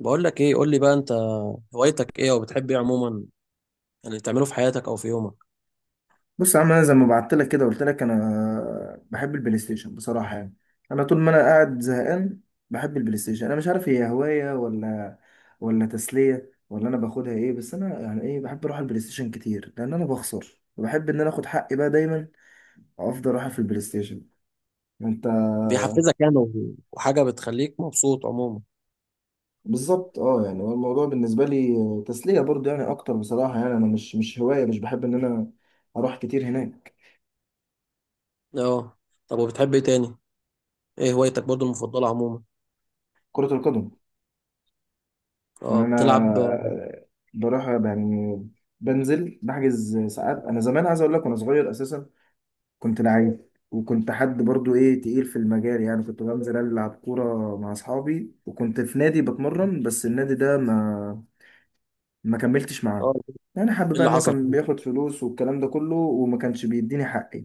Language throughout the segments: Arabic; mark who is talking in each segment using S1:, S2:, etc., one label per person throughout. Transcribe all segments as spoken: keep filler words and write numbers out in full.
S1: بقول لك ايه؟ قول لي بقى، انت هوايتك ايه، او بتحب ايه عموما يعني تعمله في حياتك او في يومك؟
S2: بص يا عم، انا زي ما بعت لك كده قلت لك انا بحب البلاي ستيشن بصراحه. يعني انا طول ما انا قاعد زهقان بحب البلاي ستيشن. انا مش عارف هي هوايه ولا ولا تسليه ولا انا باخدها ايه. بس انا يعني ايه، بحب اروح البلاي ستيشن كتير لان انا بخسر وبحب ان انا اخد حقي بقى دايما، وافضل اروح في البلاي ستيشن. انت؟
S1: بيحفزك يعني و- وحاجه بتخليك مبسوط عموما؟
S2: بالظبط. اه، يعني هو الموضوع بالنسبه لي تسليه برضه يعني اكتر بصراحه. يعني انا مش مش هوايه، مش بحب ان انا اروح كتير هناك.
S1: اه، طب وبتحب ايه تاني؟ ايه هوايتك برضو المفضله عموما؟
S2: كره القدم.
S1: اه،
S2: يعني
S1: بتلعب؟ اه.
S2: انا بروح يعني، بنزل بحجز ساعات. انا زمان عايز اقول لك، وانا صغير اساسا كنت لعيب، وكنت حد برضو ايه، تقيل في المجال. يعني كنت بنزل العب كوره مع اصحابي، وكنت في نادي بتمرن، بس النادي ده ما ما كملتش معاه. يعني حابب
S1: ايه
S2: بقى
S1: اللي
S2: ان هو
S1: حصل؟
S2: كان بياخد فلوس والكلام ده كله وما كانش بيديني حقي.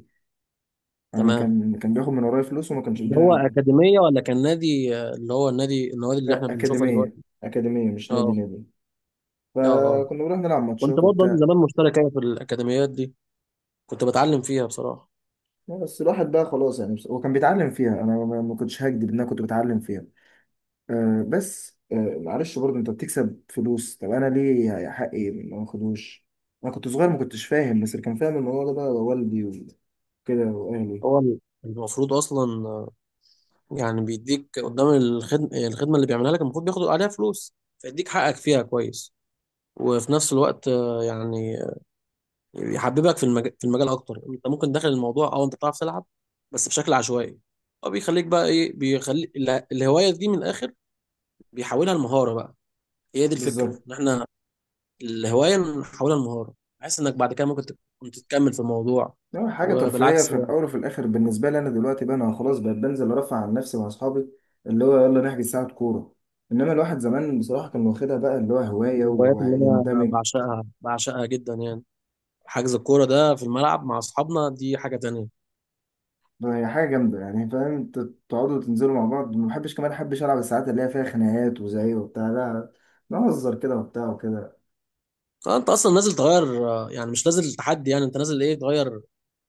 S2: يعني
S1: تمام.
S2: كان كان بياخد من ورايا فلوس وما كانش
S1: اللي
S2: بيديني
S1: هو
S2: حقي.
S1: اكاديميه ولا كان نادي؟ آه، اللي هو النادي، النوادي اللي
S2: لا،
S1: احنا بنشوفها
S2: اكاديميه
S1: دلوقتي؟
S2: اكاديميه مش نادي
S1: اه.
S2: نادي.
S1: اه. اه،
S2: فكنا بنروح نلعب
S1: كنت
S2: ماتشات
S1: برضه أنا
S2: وبتاع.
S1: زمان مشترك أوي في الاكاديميات دي، كنت بتعلم فيها بصراحه.
S2: لا، بس الواحد بقى خلاص يعني، بس- هو كان بيتعلم فيها. انا ما ما كنتش هكدب ان انا كنت بتعلم فيها. أه بس أه، معلش، برضه انت بتكسب فلوس، طب انا ليه يا حقي ما اخدوش. انا كنت صغير ما كنتش فاهم، بس اللي كان فاهم الموضوع ده بقى والدي وكده واهلي.
S1: هو المفروض اصلا، يعني بيديك قدام. الخدمة الخدمة اللي بيعملها لك المفروض بياخد عليها فلوس، فيديك حقك فيها كويس. وفي نفس الوقت آه، يعني يحببك في المجال في المجال اكتر، انت ممكن داخل الموضوع او انت بتعرف تلعب بس بشكل عشوائي، او بيخليك بقى ايه، بيخلي اله- الهواية دي من الاخر، بيحولها لمهارة بقى. هي دي الفكرة،
S2: بالظبط.
S1: ان احنا الهواية نحولها لمهارة، بحيث انك بعد كده ممكن تكون تتكمل في الموضوع.
S2: يعني حاجه ترفيهيه
S1: وبالعكس.
S2: في الاول وفي الاخر بالنسبه لي. انا دلوقتي بقى انا خلاص بقيت بنزل ارفع عن نفسي مع اصحابي، اللي هو يلا نحجز ساعه كوره. انما الواحد زمان بصراحه كان واخدها بقى اللي هو
S1: من
S2: هوايه
S1: الهوايات اللي انا
S2: ويندمج.
S1: بعشقها، بعشقها جدا يعني، حجز الكوره ده في الملعب مع اصحابنا دي حاجه تانية.
S2: هي حاجة جامدة، يعني فاهم انت، تقعدوا تنزلوا مع بعض. ما بحبش كمان احبش العب الساعات اللي هي فيها خناقات وزعيق وبتاع، لا، نهزر كده وبتاع وكده.
S1: آه، انت اصلا نازل تغير، آه، يعني مش نازل تحدي، يعني انت نازل ايه، تغير،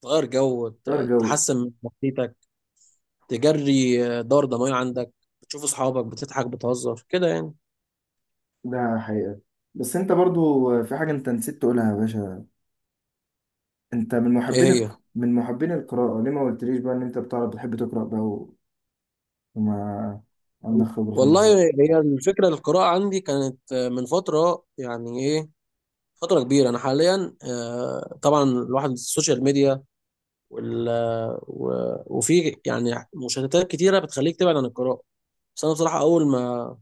S1: تغير جو،
S2: غير
S1: ت-
S2: جو.
S1: تحسن من نفسيتك، تجري آه، دورة دموية عندك، بتشوف اصحابك، بتضحك بتهزر كده يعني.
S2: ده حقيقة. بس انت برضو في حاجة انت نسيت تقولها يا باشا. انت من
S1: ايه
S2: محبين الك...
S1: هي؟
S2: من محبين القراءة. ليه ما قلتليش بقى ان انت بتعرف بتحب تقرأ بقى و- وما عندك خبرة في
S1: والله،
S2: الموضوع؟
S1: هي الفكرة، القراءة عندي كانت آه، من فترة يعني، ايه، فترة كبيرة. أنا حاليا آه، طبعا الواحد السوشيال ميديا وال آه، و- وفي يعني مشتتات كتيرة بتخليك تبعد عن القراءة. بس أنا بصراحة أول ما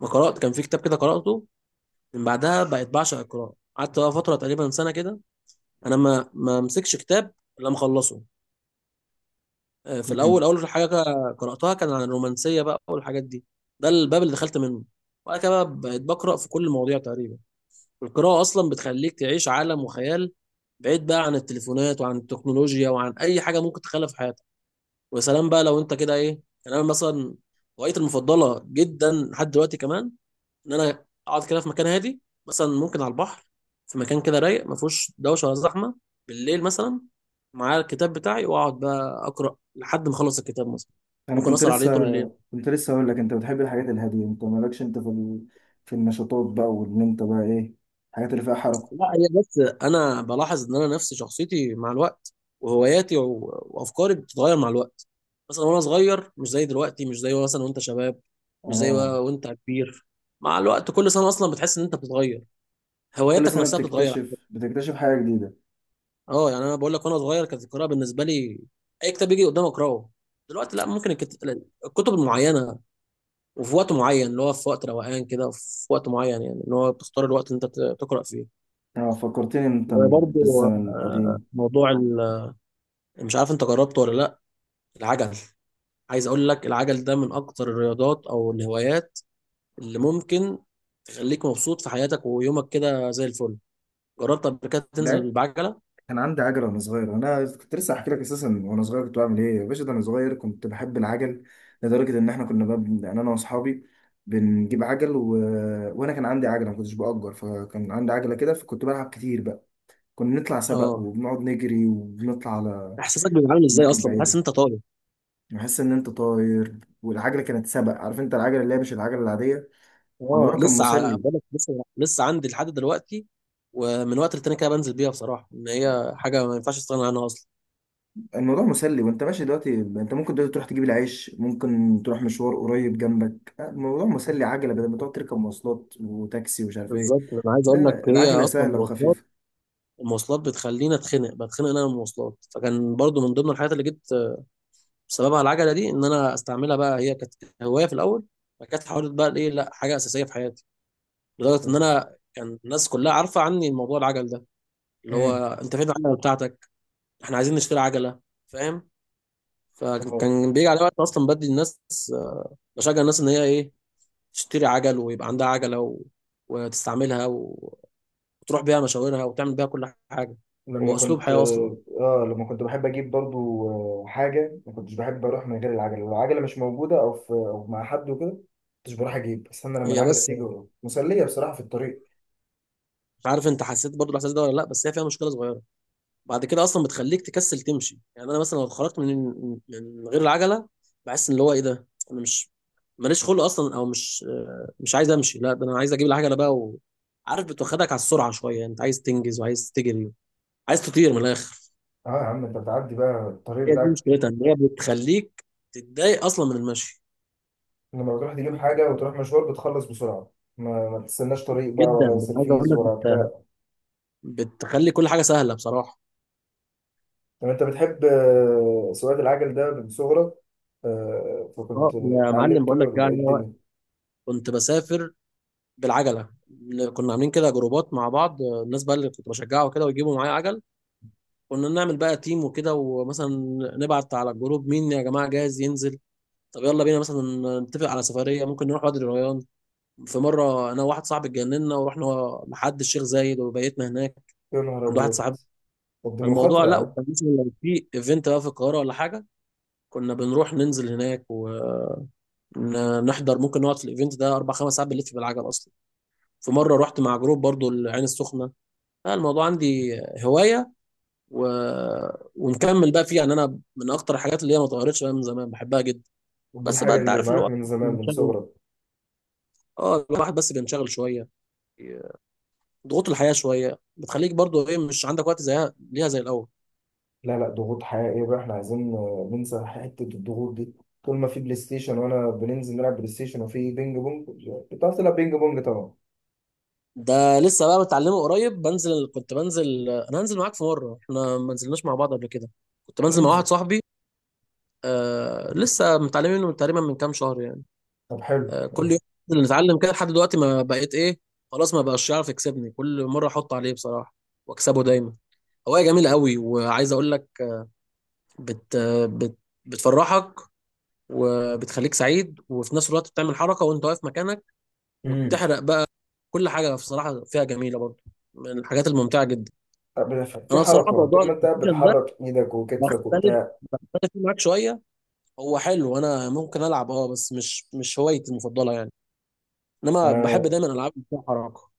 S1: ما قرأت، كان في كتاب كده قرأته، من بعدها بقيت بعشق القراءة، قعدت بقى فترة تقريبا سنة كده، أنا ما ما مسكش كتاب إلا مخلصه. آه، في
S2: مم.
S1: الأول، أول حاجة قرأتها كان عن الرومانسية بقى والحاجات دي، ده الباب اللي دخلت منه، وبعد كده بقى بقيت بقرأ في كل المواضيع تقريبا. القراءة أصلا بتخليك تعيش عالم وخيال بعيد بقى عن التليفونات وعن التكنولوجيا وعن أي حاجة ممكن تخلف في حياتك. ويا سلام بقى لو أنت كده إيه. يعني أنا مثلا، هوايتي المفضلة جدا لحد دلوقتي كمان، ان انا اقعد كده في مكان هادي، مثلا ممكن على البحر، في مكان كده رايق، ما فيهوش دوشه ولا زحمه، بالليل مثلا، معايا الكتاب بتاعي، واقعد بقى اقرا لحد ما اخلص الكتاب مثلا،
S2: انا
S1: ممكن
S2: كنت
S1: اسهر عليه
S2: لسه
S1: طول الليل.
S2: كنت لسه هقول لك انت بتحب الحاجات الهادية. انت مالكش انت في ال... في النشاطات بقى، وان انت بقى ايه، الحاجات اللي فيها حركة.
S1: لا، هي بس انا بلاحظ ان انا نفسي شخصيتي مع الوقت، وهواياتي و- وافكاري بتتغير مع الوقت. مثلا وانا صغير مش زي دلوقتي، مش زي مثلا وانت شباب، مش زي
S2: اه.
S1: و- وانت كبير. مع الوقت كل سنه اصلا بتحس ان انت بتتغير،
S2: كل
S1: هواياتك
S2: سنة
S1: نفسها بتتغير.
S2: بتكتشف بتكتشف حاجة جديدة.
S1: اه، يعني انا بقول لك وانا صغير كانت القراءه بالنسبه لي اي كتاب يجي قدامي اقراه. دلوقتي لا، ممكن الكت- الكتب المعينه، وفي وقت معين، اللي هو في وقت روقان كده، وفي وقت معين يعني، اللي هو بتختار الوقت اللي انت ت- تقرا فيه.
S2: اه، فكرتني انت
S1: وبرضه
S2: بالزمن
S1: آه،
S2: القديم.
S1: موضوع ال- مش عارف انت جربته ولا لا. العجل. عايز اقول لك، العجل ده من اكتر الرياضات او الهوايات اللي ممكن تخليك مبسوط في حياتك ويومك كده زي الفل. جربت قبل كده تنزل
S2: لعبت.
S1: بعجله؟
S2: كان عندي عجلة وانا صغير. انا كنت لسه هحكي لك اساسا، وانا صغير كنت بعمل ايه يا باشا، ده انا صغير كنت بحب العجل لدرجة ان احنا كنا بب... يعني انا واصحابي بنجيب عجل و... وانا كان عندي عجلة ما كنتش بأجر. فكان عندي عجلة كده فكنت بلعب كتير بقى. كنا نطلع سبق
S1: اه.
S2: وبنقعد نجري وبنطلع على
S1: احساسك بيبقى عامل ازاي؟
S2: اماكن
S1: اصلا بتحس
S2: بعيدة.
S1: ان انت طاير.
S2: بحس ان انت طاير. والعجلة كانت سبق، عارف انت، العجلة اللي هي مش العجلة العادية.
S1: اه،
S2: الموضوع كان
S1: لسه ع-
S2: مسلي.
S1: بقولك، لسه لسه عندي لحد دلوقتي، ومن وقت للتاني كده بنزل بيها، بصراحه ان هي حاجه ما ينفعش استغنى عنها اصلا.
S2: الموضوع مسلي. وانت ماشي دلوقتي انت ممكن دلوقتي تروح تجيب العيش، ممكن تروح مشوار قريب جنبك، آه، الموضوع مسلي. عجلة بدل ما تقعد تركب مواصلات وتاكسي ومش عارف ايه.
S1: بالظبط، انا عايز اقول
S2: لا،
S1: لك، هي
S2: العجلة
S1: اصلا
S2: سهلة
S1: المواصلات،
S2: وخفيفة.
S1: المواصلات بتخليني اتخنق، بتخنق انا من المواصلات، فكان برضو من ضمن الحاجات اللي جبت بسببها العجله دي، ان انا استعملها بقى، هي كانت هوايه في الاول، فكانت حاولت بقى ايه لا حاجه اساسيه في حياتي، لدرجه ان انا كان الناس كلها عارفه عني الموضوع، العجل ده اللي هو،
S2: امم.
S1: انت فين العجله بتاعتك؟ احنا عايزين نشتري عجله، فاهم.
S2: اه،
S1: فكان بيجي على وقت اصلا بدي الناس، آه، بشجع الناس ان هي ايه، تشتري عجل ويبقى عندها عجله، و... وتستعملها، و... وتروح بيها مشاورها وتعمل بيها كل حاجه.
S2: لما
S1: هو اسلوب
S2: كنت
S1: حياه اصلا.
S2: اه آه، لما كنت بحب اجيب برضو آه، حاجه، ما كنتش بحب اروح من غير العجله. لو العجله مش موجوده او في او مع حد وكده، ما كنتش بروح اجيب، استنى لما
S1: هي
S2: العجله
S1: بس،
S2: تيجي وأروح. مسليه بصراحه في الطريق.
S1: مش عارف انت حسيت برضو الاحساس ده ولا لا، بس هي فيها مشكله صغيره. بعد كده اصلا بتخليك تكسل تمشي، يعني انا مثلا لو اتخرجت من من غير العجله، بحس ان اللي هو ايه، ده انا مش، ماليش خلق اصلا، او مش آه، مش عايز امشي، لا ده انا عايز اجيب العجله بقى و... عارف، بتوخدك على السرعه شويه، انت عايز تنجز وعايز تجري، عايز تطير من الاخر.
S2: اه يا عم، انت بتعدي بقى الطريق
S1: هي دي
S2: بتاعك.
S1: مشكلتها، ان هي بتخليك تتضايق اصلا من المشي.
S2: لما بتروح تجيب حاجة وتروح مشوار بتخلص بسرعة، ما, ما تستناش طريق بقى
S1: جدا،
S2: ولا
S1: ده انا عايز اقول
S2: سرفيز
S1: لك،
S2: ولا
S1: بت...
S2: بتاع.
S1: بتخلي كل حاجه سهله بصراحه.
S2: طب انت بتحب آه، سواقة العجل ده من صغرك، آه، فكنت
S1: اه يا معلم،
S2: اتعلمته
S1: بقول لك
S2: ولا ايه
S1: جاي،
S2: الدنيا؟
S1: كنت بسافر بالعجله، كنا عاملين كده جروبات مع بعض، الناس بقى اللي كنت بشجعه كده ويجيبوا معايا عجل، كنا نعمل بقى تيم وكده، ومثلا نبعت على الجروب، مين يا جماعه جاهز ينزل، طب يلا بينا مثلا نتفق على سفريه، ممكن نروح وادي الريان. في مره انا وواحد صاحبي اتجننا ورحنا لحد الشيخ زايد، وبيتنا هناك
S2: يا نهار
S1: عند واحد
S2: أبيض.
S1: صاحبنا.
S2: طب دي
S1: الموضوع
S2: مخاطرة
S1: لا،
S2: يعني.
S1: وكان مثلا لو في ايفنت بقى في القاهره ولا حاجه، كنا بنروح ننزل هناك ونحضر، ممكن نقعد في الايفنت ده اربع خمس ساعات بنلف بالعجل اصلا. في مره رحت مع جروب برضو العين السخنه. لا، الموضوع عندي هوايه، و... ونكمل بقى فيه يعني، انا من اكتر الحاجات اللي هي ما اتغيرتش بقى من زمان بحبها جدا.
S2: دي
S1: بس بقى
S2: الحاجة
S1: انت
S2: اللي
S1: عارف اللي هو
S2: معاك من زمان، من
S1: بينشغل.
S2: صغرك.
S1: اه، الواحد بس بينشغل شويه، ضغوط الحياه شويه بتخليك برضو ايه، مش عندك وقت زيها، ليها زي الاول.
S2: لا لا، ضغوط حقيقية بقى، احنا عايزين آه، ننسى حتة الضغوط دي. طول ما في بلاي ستيشن وانا بننزل نلعب بلاي ستيشن. وفي بينج بونج، بتعرف تلعب بينج بونج طبعا.
S1: ده لسه بقى متعلمه قريب، بنزل كنت بنزل، انا هنزل معاك في مره، احنا ما نزلناش مع بعض قبل كده، كنت بنزل مع
S2: ننزل.
S1: واحد صاحبي. آه، لسه متعلمين منه تقريبا من كام شهر يعني.
S2: طب حلو.
S1: آه، كل يوم ننزل نتعلم كده لحد دلوقتي، ما بقيت ايه، خلاص ما بقاش يعرف يكسبني، كل مره احط عليه بصراحه واكسبه دايما. هوايه جميله قوي، وعايز اقول لك، بت بت بتفرحك وبتخليك سعيد، وفي نفس الوقت بتعمل حركه وانت واقف مكانك،
S2: مم.
S1: وبتحرق بقى. كل حاجه بصراحه فيها جميله برضه، من الحاجات الممتعه جدا.
S2: بت- في
S1: انا بصراحه
S2: حركة.
S1: موضوع
S2: طول ما انت قاعد
S1: البلايستيشن ده،
S2: بتحرك ايدك وكتفك
S1: بختلف
S2: وبتاع.
S1: بختلف فيه معاك شويه. هو حلو، انا ممكن العب، اه، بس مش مش هوايتي المفضله يعني. انما بحب
S2: آه،
S1: دايما العاب اللي فيها حركه.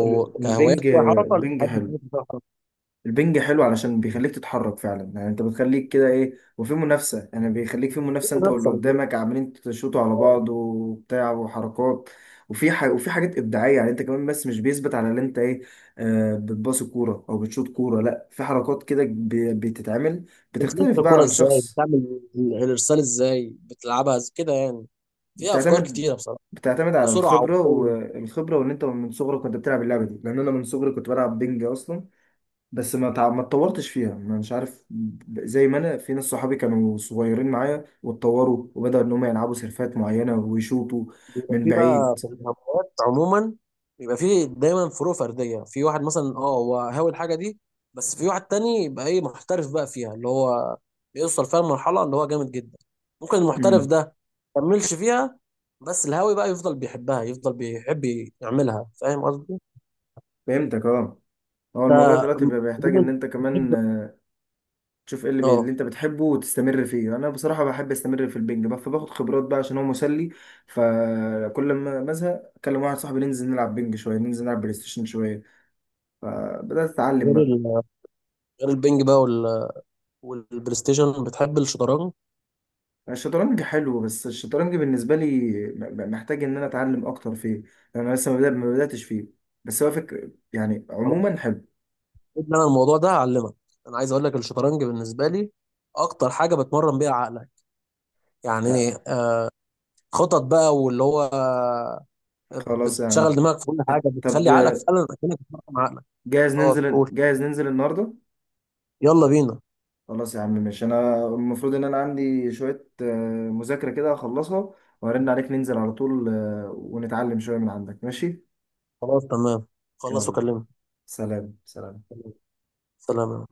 S2: ال- البنج
S1: كهوايات فيها حركه، لا،
S2: البنج
S1: بحب الحاجات
S2: حلو.
S1: اللي فيها حركه.
S2: البنج حلو علشان بيخليك تتحرك فعلا. يعني انت بتخليك كده ايه، وفي منافسة، يعني بيخليك في
S1: في
S2: منافسة، انت واللي
S1: منافسه من الناس.
S2: قدامك عمالين تشوطوا على
S1: آه.
S2: بعض وبتاع وحركات. وفي ح... وفي حاجات ابداعيه، يعني انت كمان، بس مش بيثبت على اللي انت ايه. آه بتباصي كوره او بتشوط كوره، لا، في حركات كده ب... بتتعمل،
S1: بتلف
S2: بتختلف بقى
S1: الكوره
S2: عن
S1: ازاي،
S2: شخص.
S1: بتعمل ال- الارسال ازاي، بتلعبها إز- كده يعني، فيها افكار
S2: بتعتمد
S1: كتيره بصراحه،
S2: بتعتمد على
S1: وسرعه
S2: الخبرة.
S1: وقوه.
S2: والخبرة وإن أنت من صغرك كنت بتلعب اللعبة دي. لأن أنا من صغري كنت بلعب بينج أصلا. بس ما تع... ما اتطورتش فيها، ما مش عارف، ب- زي ما أنا في ناس صحابي كانوا صغيرين معايا واتطوروا وبدأوا إن هم يلعبوا سيرفات معينة ويشوطوا
S1: بيبقى
S2: من
S1: في بقى
S2: بعيد.
S1: في الهوايات عموما، بيبقى في دايما فروق فرديه، في واحد مثلا اه هو هاوي الحاجه دي، بس في واحد تاني يبقى ايه، محترف بقى فيها اللي هو بيوصل فيها المرحله اللي هو جامد جدا. ممكن المحترف
S2: امم.
S1: ده مكملش فيها، بس الهاوي بقى يفضل بيحبها، يفضل بيحب يعملها، فاهم قصدي؟
S2: فهمتك أه. هو
S1: انت
S2: الموضوع دلوقتي بقى بيحتاج إن
S1: عموما
S2: أنت
S1: بتحب
S2: كمان تشوف ايه اللي, بي... اللي
S1: اه،
S2: انت بتحبه وتستمر فيه. انا بصراحه بحب استمر في البنج بقى، فباخد خبرات بقى عشان هو مسلي. فكل ما بزهق اكلم واحد صاحبي، ننزل نلعب بنج شويه، ننزل نلعب بلاي ستيشن شويه. فبدات اتعلم
S1: غير
S2: بقى.
S1: ال- غير البنج بقى وال- والبلاي ستيشن، بتحب الشطرنج؟
S2: الشطرنج حلو، بس الشطرنج بالنسبه لي م- م- محتاج ان انا اتعلم اكتر فيه. لأن انا لسه ما بدأ- ما بداتش فيه. بس هو فكر، يعني عموما حلو.
S1: انا الموضوع ده هعلمك، انا عايز اقول لك الشطرنج بالنسبه لي اكتر حاجه بتمرن بيها عقلك،
S2: لا.
S1: يعني آه، خطط بقى، واللي هو آه،
S2: خلاص يا عم.
S1: بتشغل دماغك في كل حاجه،
S2: طب
S1: بتخلي عقلك فعلا اكنك بتمرن عقلك.
S2: جاهز
S1: خلاص،
S2: ننزل،
S1: قول.
S2: جاهز ننزل النهارده؟
S1: يلا بينا.
S2: خلاص يا عم ماشي. انا المفروض ان انا عندي شوية آه، مذاكرة كده اخلصها، وارن عليك، ننزل على طول، آه، ونتعلم شوية من عندك. ماشي.
S1: خلاص تمام، خلص
S2: يلا.
S1: وكلمني.
S2: سلام سلام.
S1: سلام.